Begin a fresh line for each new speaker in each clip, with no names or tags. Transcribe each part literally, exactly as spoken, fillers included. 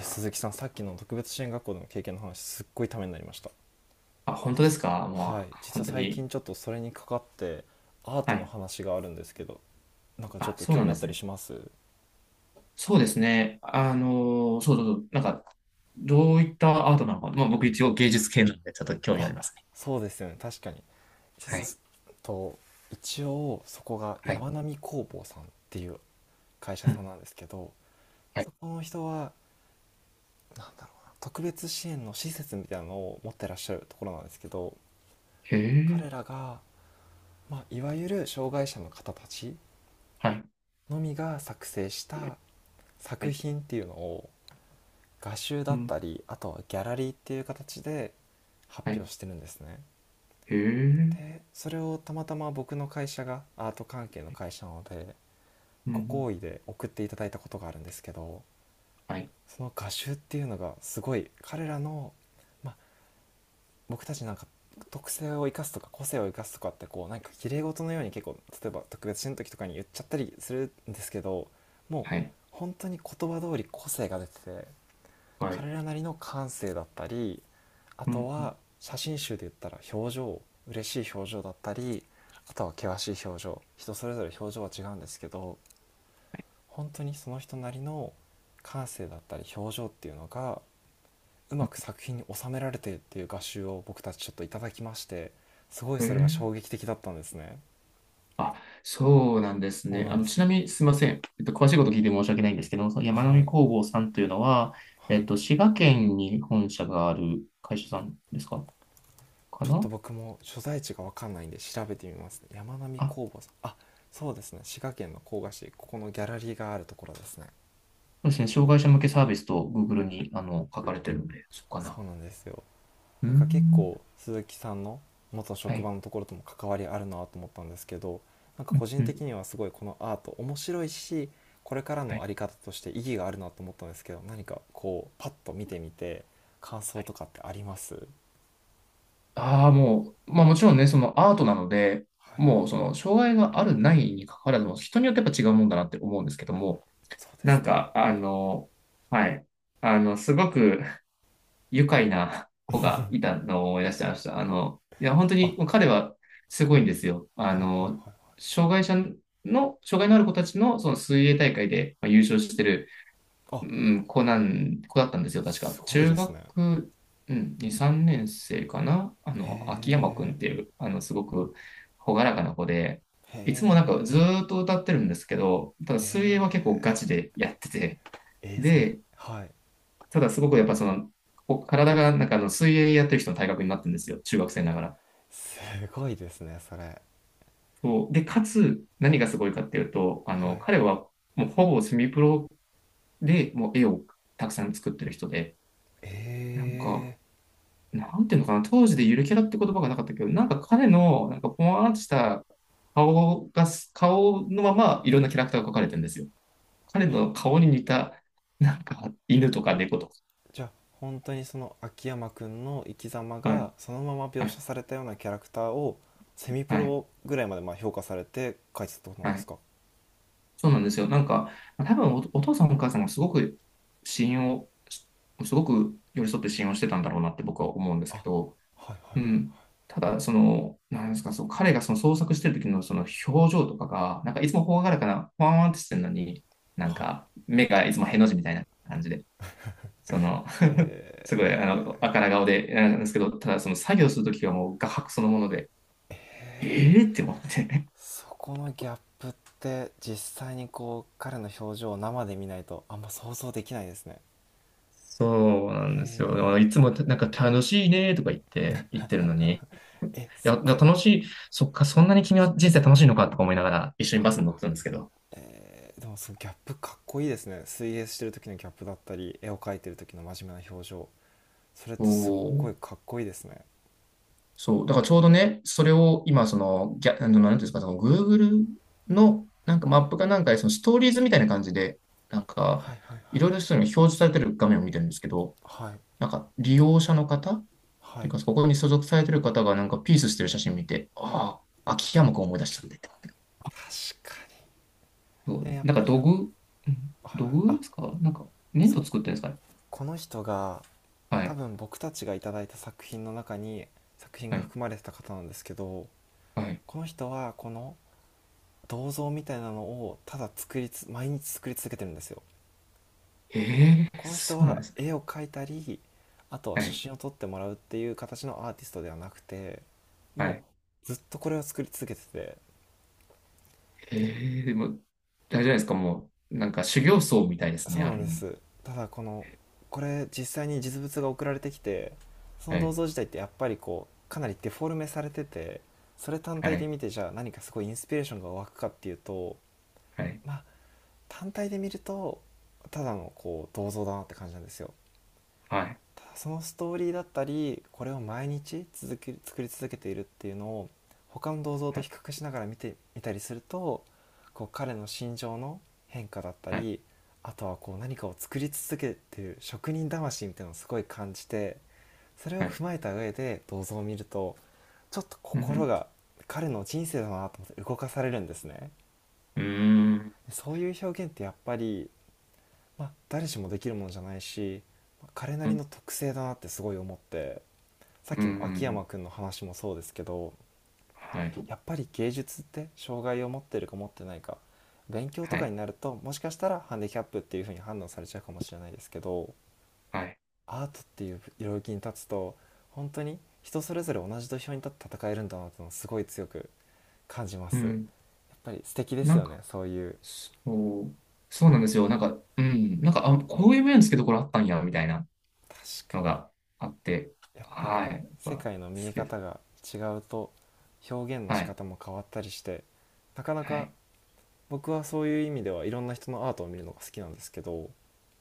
鈴木さん、さっきの特別支援学校での経験の話、すっごいためになりました。
あ、本当で
実
すか？
は
も
はい、
う、
実
本
は
当
最
に。
近ちょっとそれにかかってアー
は
トの
い。
話があるんですけど、なんかちょ
あ、
っと
そう
興
なん
味あ
で
った
す
り
ね。
します？
そうですね。あのそうそうそう。なんか、どういったアートなのか。まあ、僕一応芸術系なんで、ちょっと興味あ
あ、
りますね。
そうですよね、確かに。ちょ
はい。
っと一応そこが
はい。
山並工房さんっていう会社
う
さ
ん、
んなんですけど、
はい。
そこの人は、なんだろうな特別支援の施設みたいなのを持ってらっしゃるところなんですけど、
へえ。
彼らが、まあ、いわゆる障害者の方たち
はい。
のみが作成した
は
作
い。
品っていうのを、画集だ
う
っ
ん。
たり、あとはギャラリーっていう形で発
はい。
表してるんですね。
へえ。
でそれをたまたま僕の会社がアート関係の会社なので、
う
ご
ん。
好意で送っていただいたことがあるんですけど、
はい。
その画集っていうのがすごい彼らの、まあ、僕たちなんか、特性を生かすとか個性を生かすとかって、こうなんか綺麗事のように結構、例えば特別支の時とかに言っちゃったりするんですけど、も
は
う
い。
本当に言葉通り個性が出てて、
はい。
彼らなりの感性だったり、あ
う
と
ん。
は写真集で言ったら表情、嬉しい表情だったり、あとは険しい表情、人それぞれ表情は違うんですけど、本当にその人なりの感性だったり表情っていうのが、うまく作品に収められてっていう画集を僕たちちょっといただきまして、すごい
うん、へ
それが衝
え。
撃的だったんですね。
あ、そうなんです
そう
ね。
な
あ
んで
の、
す。
ちなみにすいません。えっと、詳しいこと聞いて申し訳ないんですけど、その山
は
並
い、
工房さんというのは、
は
えっ
い。
と、滋賀県に本社がある会社さんですか、か
ちょっと
な？
僕も所在地が分かんないんで調べてみますね。山並
あ、そ
工房さん、あ、そうですね、滋賀県の甲賀市、ここのギャラリーがあるところですね。
うですね。障害者向けサービスと Google に、あの、書かれてるので、そうか
そ
な。
うなんですよ。
うー
なんか結
ん。
構鈴木さんの元
は
職
い。
場のところとも関わりあるなと思ったんですけど、なんか個人
う
的
ん。
にはすごいこのアート面白いし、これから
は
の
い。
在り方として意義があるなと思ったんですけど、何かこうパッと見てみて感
は
想と
い。
かってあります？
ああ、もう、まあもちろんね、そのアートなので、
はい。
もうその障害があるないにかかわらずも、人によってやっぱ違うもんだなって思うんですけども、
そうで
な
す
ん
ね。
か、あの、はい。あの、すごく愉快な子がいたのを思い出してました。あの、いや、本
あ、
当に
は
彼はすごいんですよ。
い、
あ
はい、は
の、
い。
障害者の、障害のある子たちのその水泳大会でまあ優勝してる、
あ、
うん、子なん、子だったんですよ、確か。
すごいで
中
すね。
学、うん、に、さんねん生かな、あ
へ
の、秋山くんっていう、あの、すごく朗らかな子で、
え。
いつもなんかず
へえ。
ー
え
っと歌ってるんですけど、ただ水泳は結構ガ
え。
チでやってて、
えーそん
で、
はい。
ただすごくやっぱその、こ体がなんかあの水泳やってる人の体格になってるんですよ。中学生ながら。
すごいですね、それ。
そう。で、かつ、何がすごいかっていうと、あ
は
の、
い。
彼はもうほぼセミプロでもう絵をたくさん作ってる人で、
え
なんか、
え。
なんていうのかな、当時でゆるキャラって言葉がなかったけど、なんか彼の、なんかぽわーんとした顔が、顔のままいろんなキャラクターが描かれてるんですよ。彼
あ、
の顔に似た、なんか犬とか猫とか。
じゃあ本当にその秋山くんの生き様
はい、
がそのまま
は
描
い、
写されたようなキャラクターを、セミプ
はい、
ロぐらいまで、まあ、評価されて書いてたってことなん
は
です
い。
か？
そうなんですよ。なんか、多分お、お父さんお母さんがすごく信用し、すごく寄り添って信用してたんだろうなって僕は思うんです
あ、
けど、
はい、は
う
い、
ん。ただ、その、なんですか、その彼がその創作してる時のその表情とかが、なんかいつもほがらかな、ワンワンってしてるのに、なん
はい、はい。
か目がいつもへの字みたいな感じで、その、
へ
すごい、あ
え。
の、あから顔で、なんですけど、ただその作業するときはもう画伯そのもので、えーって思って、
そこのギャップって実際にこう彼の表情を生で見ないと、あんま想像できないですね。
そうなん
へ
ですよ。だからいつもなんか楽しいねとか言って言ってるのに、い
え。え、す
や、だ
か。
から楽しい、そっか、そんなに君は人生楽しいのかとか思いながら一緒にバスに乗ってたんですけど。
えー、でもそのギャップかっこいいですね。水泳してる時のギャップだったり絵を描いてる時の真面目な表情、それってすっご
そ
い
う、
かっこいいですね。
そう。だからちょうどね、それを今、その、ギャ、あのなんていうんですか、その Google のなんかマップかなんかで、そのストーリーズみたいな感じで、なんか、
はい、はい、は
い
い、
ろいろそういうのが表示されてる画面を見てるんですけど、
はい、
なんか利用者の方っ
は
てい
い。
うか、ここに所属されてる方がなんかピースしてる写真見て、ああ、秋山くん思い出したんで。
確かに。
そう、
え、やっ
なん
ぱ
か
りな
土
ん、
偶、うん、
はい、
土
はい。
偶
あ、
ですか？なんか粘
そ
土
う、
作ってるんですかね？
この人が
は
多
い。
分僕たちがいただいた作品の中に作品
は
が
い。
含まれてた方なんですけど、
はい。
この人は、この銅像みたいなのをただ作りつ毎日作り続けてるんですよ。
へえ、
この人
そうなん
は
ですね。
絵を描いたり、あとは
は
写
い。
真を撮ってもらうっていう形のアーティストではなくて、
は
も
い。
うずっとこれを作り続けてて、
へえ、でも、大丈夫ですか？もう、なんか修行僧みたいです
そ
ね、
う
あ
なん
る意
で
味。
す。ただこの、これ実際に実物が送られてきて、その
は
銅
い。
像自体ってやっぱりこうかなりデフォルメされてて、それ単
は
体で
い。
見て、じゃあ何かすごいインスピレーションが湧くかっていうと、
はい。
まあ、単体で見ると、ただのこう銅像だなって感じなんですよ。
はい。
そのストーリーだったり、これを毎日続き作り続けているっていうのを、他の銅像と
はい。
比較しながら見てみたりすると、こう彼の心情の変化だった
はい。
り、あとはこう何かを作り続けている職人魂みたいなのをすごい感じて、それを
はい。
踏まえた上で銅像を見ると、ちょっと
うん。
心が、彼の人生だなと思って動かされるんですね。
うん。
そういう表現ってやっぱり、まあ、誰しもできるものじゃないし、彼な
う
り
ん。
の特性だなってすごい思って、さっ
う
きの秋
ん。
山くんの話もそうですけど、
はい。
やっぱり芸術って、障害を持ってるか持ってないか、勉強と
は
か
い。
になるともしかしたらハンディキャップっていう風に判断されちゃうかもしれないですけど、
はい。
アートっていう領域に立つと、本当に人それぞれ同じ土俵に立って戦えるんだなってのを、すごい強く感じま
う
す。やっ
ん。
ぱり素敵です
なん
よ
か、
ね、そういう。
そう、そうなんですよ。なんか、うん。なんか、あ、こういう面つけどころあったんや、みたいな。
確か
のがあって、
に、やっぱり
は
ね、
い。やっ
世
ぱ
界の見
好
え
きです。
方が違うと表現の
は
仕
い。
方も変わったりして、なかな
は
か。
い。
僕はそういう意味ではいろんな人のアートを見るのが好きなんですけど、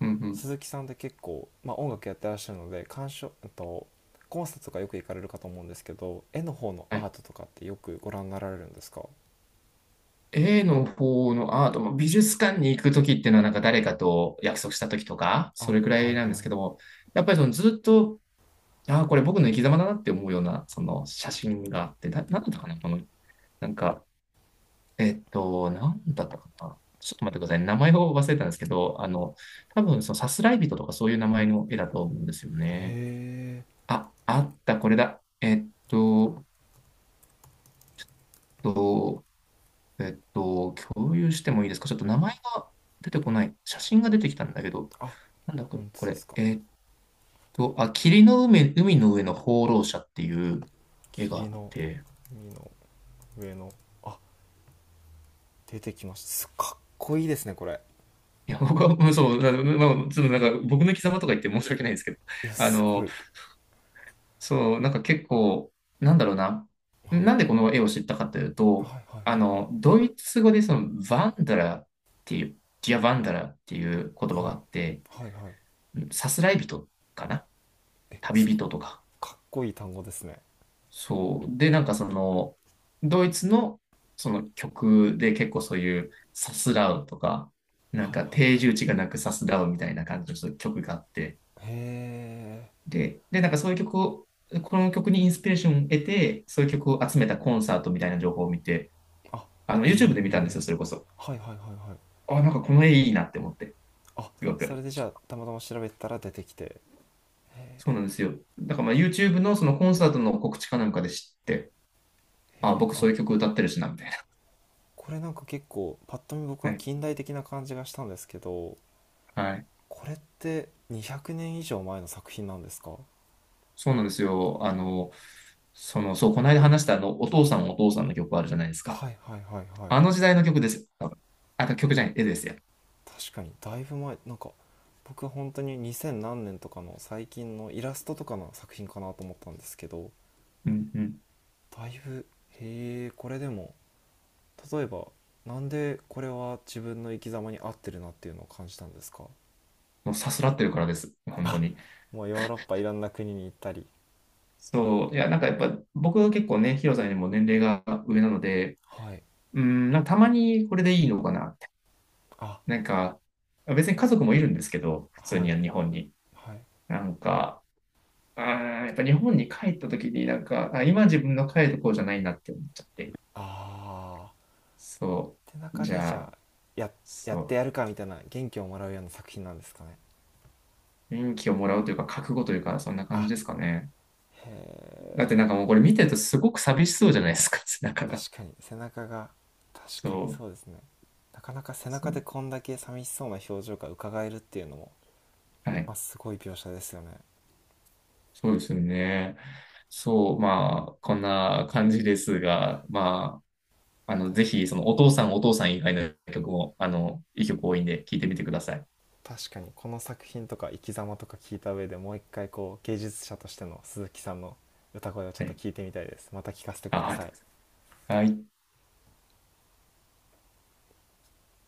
うん、うん。
鈴木さんって結構、まあ、音楽やってらっしゃるので、鑑賞と、コンサートとかよく行かれるかと思うんですけど、絵の方のア
は
ー
い。
トとかってよくご覧になられるんですか？
A の方のアートも美術館に行くときっていうのはなんか誰かと約束したときとか、
あ、
それくら
はい、は
い
い。
なんですけども、やっぱりそのずっと、ああ、これ僕の生き様だなって思うような、その写真があって、な、なんだったかな、この、なんか、えっと、なんだったかな。ちょっと待ってください。名前を忘れたんですけど、あの、多分そのさすらい人とかそういう名前の絵だと思うんですよ
へ
ね。
え。
あ、あった、これだ。えっと、と、えっと、共有してもいいですか？ちょっと名前が出てこない。写真が出てきたんだけど、
あ、
なんだこ
本当
こ
で
れ。
すか？
えっと、あ、霧の海、海の上の放浪者っていう絵があ
霧
っ
の、
て、
海の上の、あ、出てきました、す、かっこいいですね、これ。
いや、僕は、うん、そう、な、まあ、ちょっとなんか、僕の生き様とか言って申し訳ないんですけど、
いや、
あ
すご
の、
い。
そう、なんか結構、なんだろうな。
はい、はい、
なんでこの絵を知ったかというと、
はい、はい、
あの、ドイツ語でその、ヴァンダラーっていう、ディアヴァンダラーっていう言葉が
は
あ
い、
って、
はい、はい、はい。
うん、さすらい人かな、
え、
旅
すごい。
人とか。
かっこいい単語ですね。
そう。で、なんかその、ドイツのその曲で結構そういうさすらうとか、なん
はい、
か
はい、
定
はい。
住地がなくさすらうみたいな感じのそういう曲があって、
へえ。
で、で、なんかそういう曲を、この曲にインスピレーションを得て、そういう曲を集めたコンサートみたいな情報を見て、
あ、
あの、
へ
YouTube で見たんです
え。
よ、それこそ。
はい、はい、はい、はい。
あ、なんかこの絵いいなって思って、
あ、
すご
そ
く。
れで、じゃあたまたま調べたら出てきて。へ
そうなんですよ。だからまあ YouTube のそのコンサートの告知かなんかで知って、あ、
え。
僕そ
あ、
ういう曲歌ってるしな、みたい
これなんか結構パッと見、僕
な。
は
はい。
近代的な感じがしたんですけど、
はい、
これってにひゃくねん以上前の作品なんですか？
そうなんですよ。あの、その、そう、この間話したあの、お父さんお父さんの曲あるじゃないですか。
はい、はい、はい、はい。
あの時代の曲ですよ。多分あ、曲じゃない、絵ですよ。
確かにだいぶ前。なんか僕は本当ににせん何年とかの最近のイラストとかの作品かなと思ったんですけど、
うん、うん。
だいぶ、へえ。これでも、例えば、なんでこれは自分の生き様に合ってるなっていうのを感じたんですか？
もうさすらってるからです。本当
あ、
に。
もうヨーロッパいろんな国に行ったり。
そう。いや、なんかやっぱ、僕は結構ね、ヒロさんよりも年齢が上なので、
はい。
うん、なんかたまにこれでいいのかなって。
あ、
なんか、別に家族もいるんですけど、普通
は
に
い、
日本に。
はい。
なんか、あーやっぱ日本に帰った時になんか、あ、今自分の帰るとこじゃないなって思っちゃって。
あ
そ
ーって
う。
中
じ
でじゃ
ゃ
あ、や、や
そ
って
う。
やるかみたいな、元気をもらうような作品なんですかね。
元気をもらうというか、覚悟というか、そんな感
あ。
じですかね。だってなんかもうこれ見てるとすごく寂しそうじゃないですか、背中が。
確かに背中が、確かに
そう。
そうですね。なかなか背
そ
中で
う。
こんだけ寂しそうな表情がうかがえるっていうのも、
はい。
まあ、すごい描写ですよね。
そうですよね。そう。まあ、こんな感じですが、
あ、
まあ、あの、
確
ぜ
か
ひ、そ
に。
の、お父さん、お父さん以外の曲も、あの、いい曲多いんで、聴いてみてください。
確かに、この作品とか生き様とか聞いた上で、もう一回こう芸術者としての鈴木さんの歌声をちょ
は
っと
い。
聞いてみたいです。また聞かせてくだ
あ、ありが
さ
とう
い。
ございます。はい。